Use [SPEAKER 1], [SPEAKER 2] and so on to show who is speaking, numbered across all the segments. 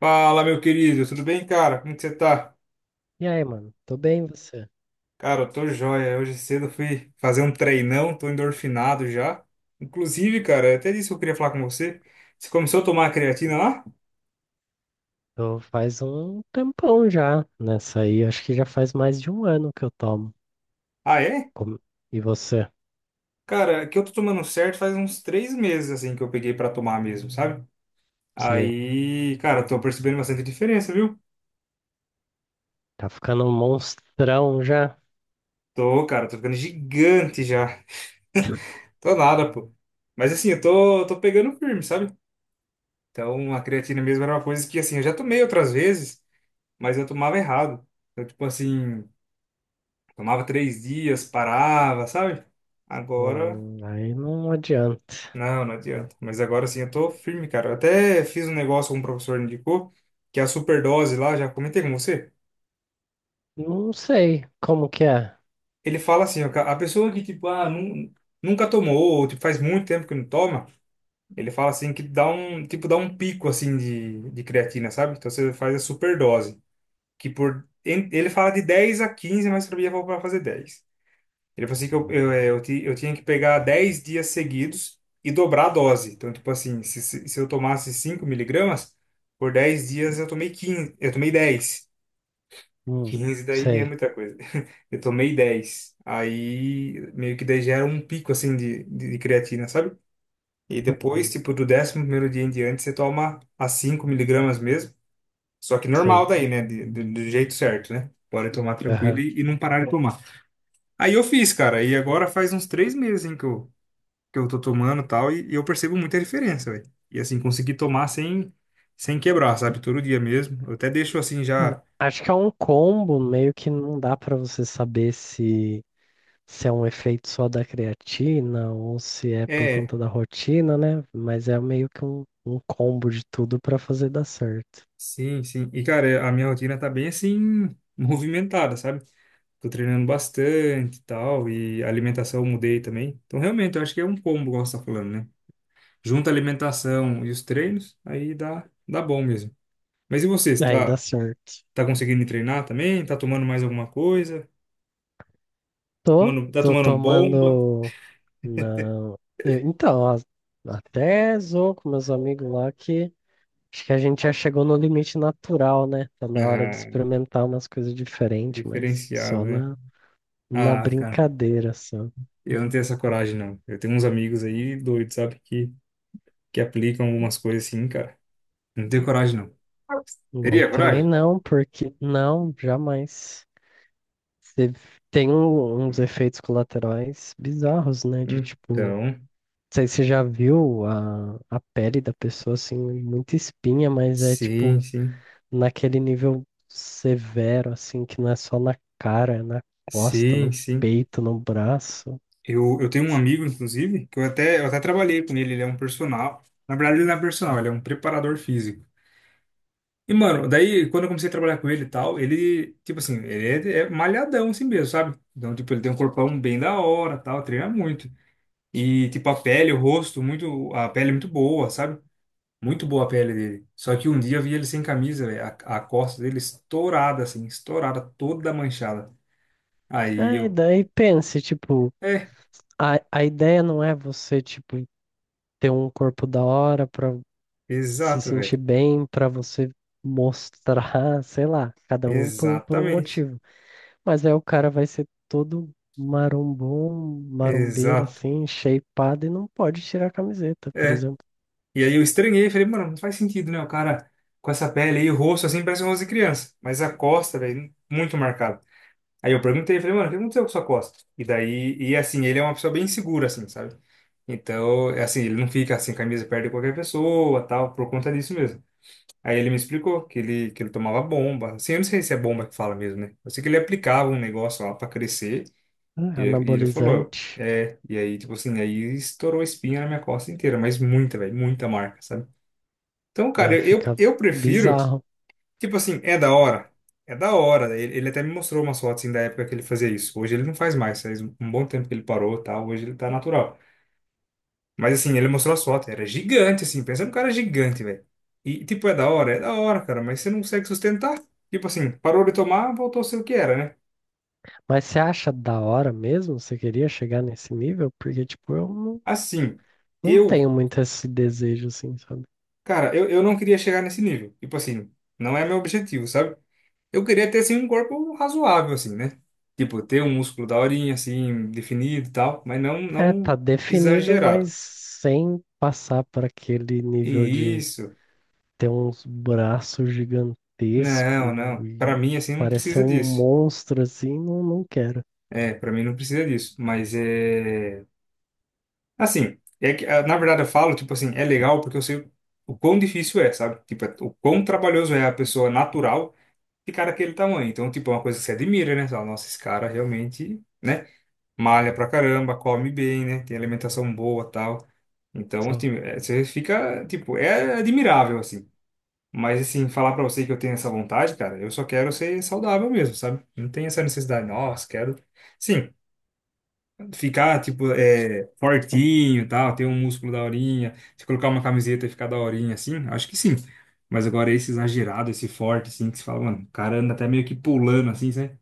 [SPEAKER 1] Fala, meu querido, tudo bem, cara? Como que você tá?
[SPEAKER 2] E aí, mano? Tô bem, e você?
[SPEAKER 1] Cara, eu tô joia. Hoje cedo eu fui fazer um treinão, tô endorfinado já. Inclusive, cara, até disso eu queria falar com você. Você começou a tomar a creatina lá?
[SPEAKER 2] Tô faz um tempão já nessa aí. Acho que já faz mais de um ano que eu tomo.
[SPEAKER 1] Ah, é?
[SPEAKER 2] Como- E você?
[SPEAKER 1] Cara, é que eu tô tomando certo faz uns 3 meses, assim, que eu peguei pra tomar mesmo, sabe?
[SPEAKER 2] Sei.
[SPEAKER 1] Aí, cara, eu tô percebendo bastante diferença, viu?
[SPEAKER 2] Tá ficando um monstrão já?
[SPEAKER 1] Tô, cara, tô ficando gigante já. Tô nada, pô. Mas assim, eu tô pegando firme, sabe? Então, a creatina mesmo era uma coisa que, assim, eu já tomei outras vezes, mas eu tomava errado. Eu, tipo assim, tomava três dias, parava, sabe? Agora,
[SPEAKER 2] Aí não adianta.
[SPEAKER 1] não adianta. Mas agora sim, eu tô firme, cara. Eu até fiz um negócio que um professor indicou, que é a superdose lá, já comentei com você.
[SPEAKER 2] Não sei como que é.
[SPEAKER 1] Ele fala assim, ó, a pessoa que, tipo, nunca tomou, ou, tipo, faz muito tempo que não toma, ele fala assim que dá um, tipo, dá um pico, assim, de creatina, sabe? Então você faz a superdose, Ele fala de 10 a 15, mas pra mim eu vou pra fazer 10. Ele falou assim que eu, é, eu, ti- eu tinha que pegar 10 dias seguidos e dobrar a dose. Então, tipo assim, se eu tomasse 5 miligramas, por 10 dias eu tomei 15, eu tomei dez,
[SPEAKER 2] Hum,
[SPEAKER 1] 15 daí é
[SPEAKER 2] sei.
[SPEAKER 1] muita coisa. Eu tomei dez. Aí, meio que daí gera um pico, assim, de creatina, sabe? E depois,
[SPEAKER 2] Hum,
[SPEAKER 1] tipo, do décimo primeiro dia em diante, você toma a 5 miligramas mesmo. Só que normal
[SPEAKER 2] sei.
[SPEAKER 1] daí, né? Do jeito certo, né? Pode tomar tranquilo
[SPEAKER 2] Aham.
[SPEAKER 1] e não parar de tomar. Aí eu fiz, cara. E agora faz uns 3 meses, hein, que eu tô tomando e tal, e eu percebo muita diferença, velho. E assim, consegui tomar sem, sem quebrar, sabe? Todo dia mesmo. Eu até deixo assim
[SPEAKER 2] Ah,
[SPEAKER 1] já.
[SPEAKER 2] acho que é um combo, meio que não dá pra você saber se é um efeito só da creatina ou se é por
[SPEAKER 1] É,
[SPEAKER 2] conta da rotina, né? Mas é meio que um combo de tudo para fazer dar certo.
[SPEAKER 1] sim, sim. E cara, a minha rotina tá bem assim, movimentada, sabe? Tô treinando bastante e tal, e a alimentação eu mudei também. Então, realmente, eu acho que é um combo, igual você tá falando, né? Junta a alimentação e os treinos, aí dá, dá bom mesmo. Mas e você, você
[SPEAKER 2] Aí dá
[SPEAKER 1] tá,
[SPEAKER 2] certo.
[SPEAKER 1] tá conseguindo treinar também? Tá tomando mais alguma coisa?
[SPEAKER 2] Tô,
[SPEAKER 1] Tomando, tá
[SPEAKER 2] tô
[SPEAKER 1] tomando bomba?
[SPEAKER 2] tomando. Não. Então, ó, até zoou com meus amigos lá que acho que a gente já chegou no limite natural, né? Tá na hora de
[SPEAKER 1] Ah,
[SPEAKER 2] experimentar umas coisas diferentes, mas
[SPEAKER 1] diferenciado,
[SPEAKER 2] só
[SPEAKER 1] né?
[SPEAKER 2] na, na
[SPEAKER 1] Ah, cara,
[SPEAKER 2] brincadeira, só.
[SPEAKER 1] eu não tenho essa coragem, não. Eu tenho uns amigos aí doidos, sabe, que aplicam algumas coisas assim, cara. Não tenho coragem, não.
[SPEAKER 2] Eu
[SPEAKER 1] Teria
[SPEAKER 2] também
[SPEAKER 1] coragem?
[SPEAKER 2] não, porque não, jamais. Você tem uns efeitos colaterais bizarros, né? De tipo, não
[SPEAKER 1] Então,
[SPEAKER 2] sei se você já viu a, pele da pessoa, assim, muita espinha, mas é
[SPEAKER 1] sim,
[SPEAKER 2] tipo
[SPEAKER 1] sim.
[SPEAKER 2] naquele nível severo, assim, que não é só na cara, é na costa,
[SPEAKER 1] Sim,
[SPEAKER 2] no
[SPEAKER 1] sim.
[SPEAKER 2] peito, no braço.
[SPEAKER 1] Eu tenho um amigo, inclusive, que eu até trabalhei com ele. Ele é um personal. Na verdade, ele não é personal, ele é um preparador físico. E, mano, daí, quando eu comecei a trabalhar com ele e tal, ele, tipo assim, ele é malhadão assim mesmo, sabe? Então, tipo, ele tem um corpão bem da hora, tal, treina muito. E, tipo, a pele, o rosto, muito, a pele é muito boa, sabe? Muito boa a pele dele. Só que um dia eu vi ele sem camisa, velho. A costa dele estourada, assim, estourada, toda manchada. Aí
[SPEAKER 2] É, e
[SPEAKER 1] eu,
[SPEAKER 2] daí pense, tipo,
[SPEAKER 1] é,
[SPEAKER 2] a ideia não é você, tipo, ter um corpo da hora pra se
[SPEAKER 1] exato,
[SPEAKER 2] sentir
[SPEAKER 1] velho.
[SPEAKER 2] bem, pra você mostrar, sei lá, cada um por um
[SPEAKER 1] Exatamente.
[SPEAKER 2] motivo. Mas aí o cara vai ser todo marombom, marombeiro,
[SPEAKER 1] Exato.
[SPEAKER 2] assim, shapeado e não pode tirar a camiseta, por
[SPEAKER 1] É.
[SPEAKER 2] exemplo.
[SPEAKER 1] E aí eu estranhei, falei, mano, não faz sentido, né? O cara com essa pele aí, o rosto, assim, parece um rosto de criança. Mas a costa, velho, muito marcada. Aí eu perguntei, falei, mano, o que aconteceu com sua costa? E daí, e assim, ele é uma pessoa bem segura, assim, sabe? Então, é assim, ele não fica assim, camisa perto de qualquer pessoa, tal, por conta disso mesmo. Aí ele me explicou que ele tomava bomba. Assim, eu não sei se é bomba que fala mesmo, né? Eu sei que ele aplicava um negócio lá pra crescer,
[SPEAKER 2] É
[SPEAKER 1] e, e ele falou,
[SPEAKER 2] anabolizante,
[SPEAKER 1] é, e aí, tipo assim, aí estourou espinha na minha costa inteira, mas muita, velho, muita marca, sabe? Então, cara,
[SPEAKER 2] né?
[SPEAKER 1] eu,
[SPEAKER 2] Fica
[SPEAKER 1] eu prefiro.
[SPEAKER 2] bizarro.
[SPEAKER 1] Tipo assim, é da hora. É da hora. Ele até me mostrou umas fotos assim, da época que ele fazia isso. Hoje ele não faz mais. Faz um bom tempo que ele parou, tá? Hoje ele tá natural. Mas assim, ele mostrou as fotos. Era gigante, assim. Pensa num cara gigante, velho. E tipo, é da hora? É da hora, cara. Mas você não consegue sustentar. Tipo assim, parou de tomar, voltou a ser o que era, né?
[SPEAKER 2] Mas você acha da hora mesmo? Você queria chegar nesse nível? Porque, tipo, eu não,
[SPEAKER 1] Assim,
[SPEAKER 2] não
[SPEAKER 1] eu,
[SPEAKER 2] tenho muito esse desejo, assim, sabe?
[SPEAKER 1] cara, eu não queria chegar nesse nível. Tipo assim, não é meu objetivo, sabe? Eu queria ter, assim, um corpo razoável, assim, né? Tipo, ter um músculo da horinha, assim, definido e tal, mas não,
[SPEAKER 2] É, tá
[SPEAKER 1] não
[SPEAKER 2] definido, mas
[SPEAKER 1] exagerado.
[SPEAKER 2] sem passar para aquele
[SPEAKER 1] E
[SPEAKER 2] nível de
[SPEAKER 1] isso.
[SPEAKER 2] ter uns braços gigantescos
[SPEAKER 1] Não. Pra
[SPEAKER 2] e
[SPEAKER 1] mim, assim, não
[SPEAKER 2] parecer
[SPEAKER 1] precisa
[SPEAKER 2] um
[SPEAKER 1] disso.
[SPEAKER 2] monstro, assim, não, não quero.
[SPEAKER 1] É, pra mim não precisa disso. Mas é... Assim, é que, ah, na verdade eu falo, tipo assim, é legal porque eu sei o quão difícil é, sabe? O quão trabalhoso é a pessoa natural ficar daquele tamanho. Então, tipo, é uma coisa que você admira, né? Você fala, nossa, esse cara realmente, né? Malha pra caramba, come bem, né? Tem alimentação boa, tal. Então,
[SPEAKER 2] Sim.
[SPEAKER 1] assim, é, você fica, tipo, é admirável, assim. Mas, assim, falar pra você que eu tenho essa vontade, cara, eu só quero ser saudável mesmo, sabe? Não tem essa necessidade, nossa, quero. Sim, ficar, tipo, é, fortinho e tal, ter um músculo da horinha, se colocar uma camiseta e ficar da horinha, assim, acho que sim. Mas agora esse exagerado, esse forte, assim, que você fala, mano, o cara anda até meio que pulando, assim, sabe?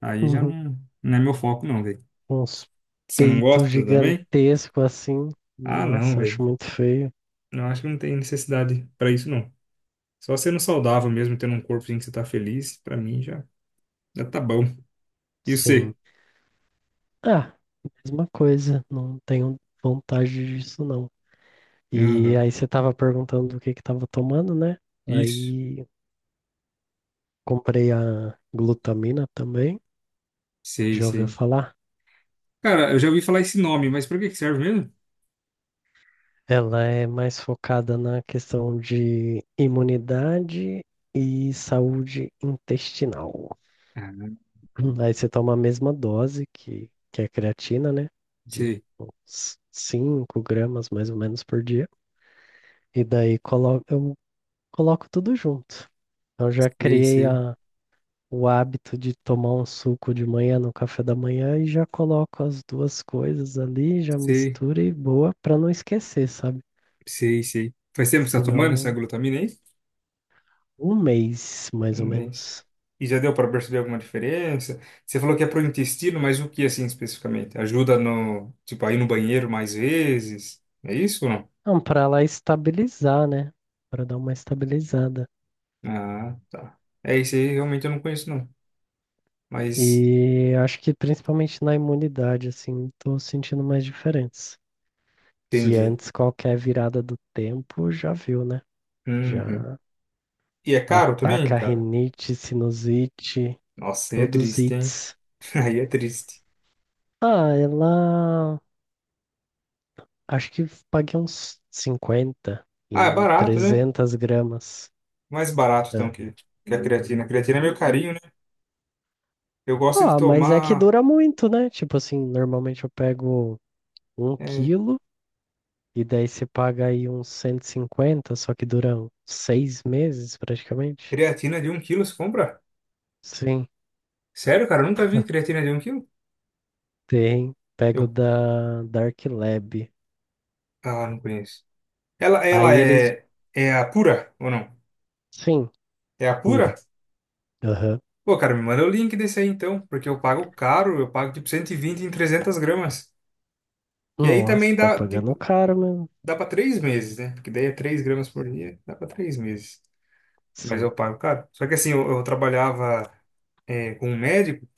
[SPEAKER 1] Aí já
[SPEAKER 2] Uhum.
[SPEAKER 1] não, não é meu foco, não, velho.
[SPEAKER 2] Uns
[SPEAKER 1] Você não
[SPEAKER 2] peitos
[SPEAKER 1] gosta também?
[SPEAKER 2] gigantescos assim.
[SPEAKER 1] Ah, não,
[SPEAKER 2] Nossa, acho
[SPEAKER 1] velho.
[SPEAKER 2] muito feio.
[SPEAKER 1] Não acho que não tem necessidade pra isso, não. Só sendo saudável mesmo, tendo um corpo em que você tá feliz, pra mim já, já tá bom. E
[SPEAKER 2] Sim.
[SPEAKER 1] você?
[SPEAKER 2] Ah, mesma coisa. Não tenho vontade disso, não. E
[SPEAKER 1] Aham.
[SPEAKER 2] aí você tava perguntando o que que tava tomando, né?
[SPEAKER 1] Isso.
[SPEAKER 2] Aí comprei a glutamina também.
[SPEAKER 1] Sei,
[SPEAKER 2] Já ouviu
[SPEAKER 1] sei.
[SPEAKER 2] falar?
[SPEAKER 1] Cara, eu já ouvi falar esse nome, mas pra que que serve mesmo?
[SPEAKER 2] Ela é mais focada na questão de imunidade e saúde intestinal.
[SPEAKER 1] Ah,
[SPEAKER 2] Aí você toma a mesma dose que a creatina, né? De
[SPEAKER 1] sei,
[SPEAKER 2] uns 5 gramas mais ou menos por dia. E daí coloco tudo junto. Então já
[SPEAKER 1] sei,
[SPEAKER 2] criei
[SPEAKER 1] sei,
[SPEAKER 2] o hábito de tomar um suco de manhã no café da manhã e já coloco as duas coisas ali, já
[SPEAKER 1] sei,
[SPEAKER 2] misturo e boa para não esquecer, sabe?
[SPEAKER 1] sei, sei. Faz tempo que você tá tomando essa
[SPEAKER 2] Senão
[SPEAKER 1] glutamina aí?
[SPEAKER 2] um mês
[SPEAKER 1] Um
[SPEAKER 2] mais ou
[SPEAKER 1] mês.
[SPEAKER 2] menos.
[SPEAKER 1] E já deu pra perceber alguma diferença? Você falou que é pro intestino, mas o que assim especificamente? Ajuda no, tipo, a ir no banheiro mais vezes? É isso ou não?
[SPEAKER 2] Não, para lá estabilizar, né? Para dar uma estabilizada.
[SPEAKER 1] Ah, tá. É isso aí, realmente eu não conheço não. Mas
[SPEAKER 2] E acho que principalmente na imunidade, assim, tô sentindo mais diferença. Que
[SPEAKER 1] entendi.
[SPEAKER 2] antes qualquer virada do tempo já viu, né?
[SPEAKER 1] Uhum.
[SPEAKER 2] Já
[SPEAKER 1] E é caro também,
[SPEAKER 2] ataca
[SPEAKER 1] cara?
[SPEAKER 2] rinite, sinusite,
[SPEAKER 1] Nossa, aí é
[SPEAKER 2] todos os
[SPEAKER 1] triste, hein?
[SPEAKER 2] ites.
[SPEAKER 1] Aí é triste.
[SPEAKER 2] Ah, ela. Acho que paguei uns 50
[SPEAKER 1] Ah, é
[SPEAKER 2] em
[SPEAKER 1] barato, né?
[SPEAKER 2] 300 gramas.
[SPEAKER 1] Mais barato então
[SPEAKER 2] É.
[SPEAKER 1] que a creatina. A creatina é meio carinho, né? Eu gosto de
[SPEAKER 2] Ah, mas é que
[SPEAKER 1] tomar
[SPEAKER 2] dura muito, né? Tipo assim, normalmente eu pego um
[SPEAKER 1] é,
[SPEAKER 2] quilo. E daí você paga aí uns 150, só que duram 6 meses praticamente.
[SPEAKER 1] creatina de um quilo, você compra?
[SPEAKER 2] Sim,
[SPEAKER 1] Sério, cara? Eu nunca vi creatina de um quilo?
[SPEAKER 2] tem. Pego
[SPEAKER 1] Eu...
[SPEAKER 2] da Dark Lab.
[SPEAKER 1] Ah, não conheço. Ela, ela
[SPEAKER 2] Aí eles.
[SPEAKER 1] é, é a pura ou não?
[SPEAKER 2] Sim,
[SPEAKER 1] É a
[SPEAKER 2] cura.
[SPEAKER 1] pura?
[SPEAKER 2] Aham.
[SPEAKER 1] Pô, cara, me manda o link desse aí então, porque eu pago caro, eu pago tipo 120 em 300 gramas. Que aí
[SPEAKER 2] Nossa,
[SPEAKER 1] também
[SPEAKER 2] tá
[SPEAKER 1] dá,
[SPEAKER 2] pagando
[SPEAKER 1] tipo,
[SPEAKER 2] caro mesmo.
[SPEAKER 1] dá pra 3 meses, né? Porque daí é 3 gramas por dia, dá pra 3 meses. Mas
[SPEAKER 2] Sim.
[SPEAKER 1] eu pago caro. Só que assim, eu trabalhava é, com um médico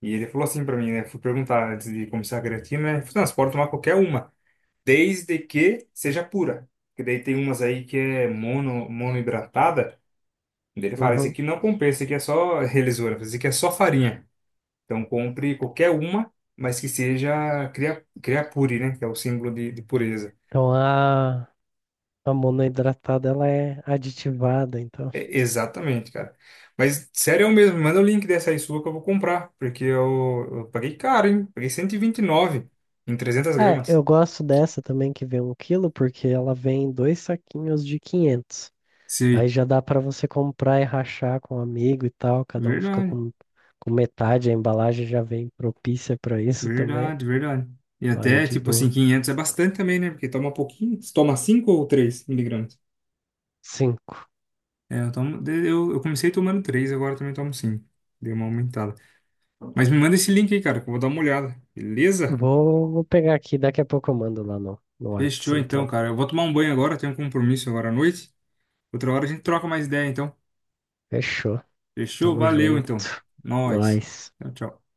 [SPEAKER 1] e ele falou assim pra mim, né? Fui perguntar antes de começar a creatina, né? Ele falou, assim, não, você pode tomar qualquer uma, desde que seja pura. Porque daí tem umas aí que é mono, monoidratada. Daí ele fala, esse
[SPEAKER 2] Uhum.
[SPEAKER 1] aqui não compensa, esse aqui é só relisura, esse aqui é só farinha. Então compre qualquer uma, mas que seja cria, criapure, né? Que é o símbolo de pureza.
[SPEAKER 2] Então a monoidratada ela é aditivada, então.
[SPEAKER 1] É, exatamente, cara. Mas sério eu mesmo, manda o link dessa aí sua que eu vou comprar, porque eu paguei caro, hein? Paguei cento e vinte e nove em 300
[SPEAKER 2] É,
[SPEAKER 1] gramas.
[SPEAKER 2] eu gosto dessa também que vem um quilo, porque ela vem em dois saquinhos de 500. Aí
[SPEAKER 1] Sim.
[SPEAKER 2] já dá pra você comprar e rachar com um amigo e tal, cada um fica
[SPEAKER 1] Verdade,
[SPEAKER 2] com metade, a embalagem já vem propícia pra isso também.
[SPEAKER 1] verdade, verdade. E
[SPEAKER 2] Aí é
[SPEAKER 1] até,
[SPEAKER 2] de
[SPEAKER 1] tipo assim,
[SPEAKER 2] boa.
[SPEAKER 1] 500 é bastante também, né? Porque toma pouquinho. Você toma 5 ou 3 miligramas?
[SPEAKER 2] Cinco.
[SPEAKER 1] É, eu tomo, de- eu comecei tomando três, agora também tomo cinco. Deu uma aumentada. Mas me manda esse link aí, cara, que eu vou dar uma olhada. Beleza?
[SPEAKER 2] Vou pegar aqui, daqui a pouco eu mando lá no Whats,
[SPEAKER 1] Fechou então,
[SPEAKER 2] então.
[SPEAKER 1] cara. Eu vou tomar um banho agora, eu tenho um compromisso agora à noite. Outra hora a gente troca mais ideia, então.
[SPEAKER 2] Fechou.
[SPEAKER 1] Fechou?
[SPEAKER 2] Tamo
[SPEAKER 1] Valeu, então.
[SPEAKER 2] junto.
[SPEAKER 1] Nós.
[SPEAKER 2] Nós.
[SPEAKER 1] Tchau, tchau.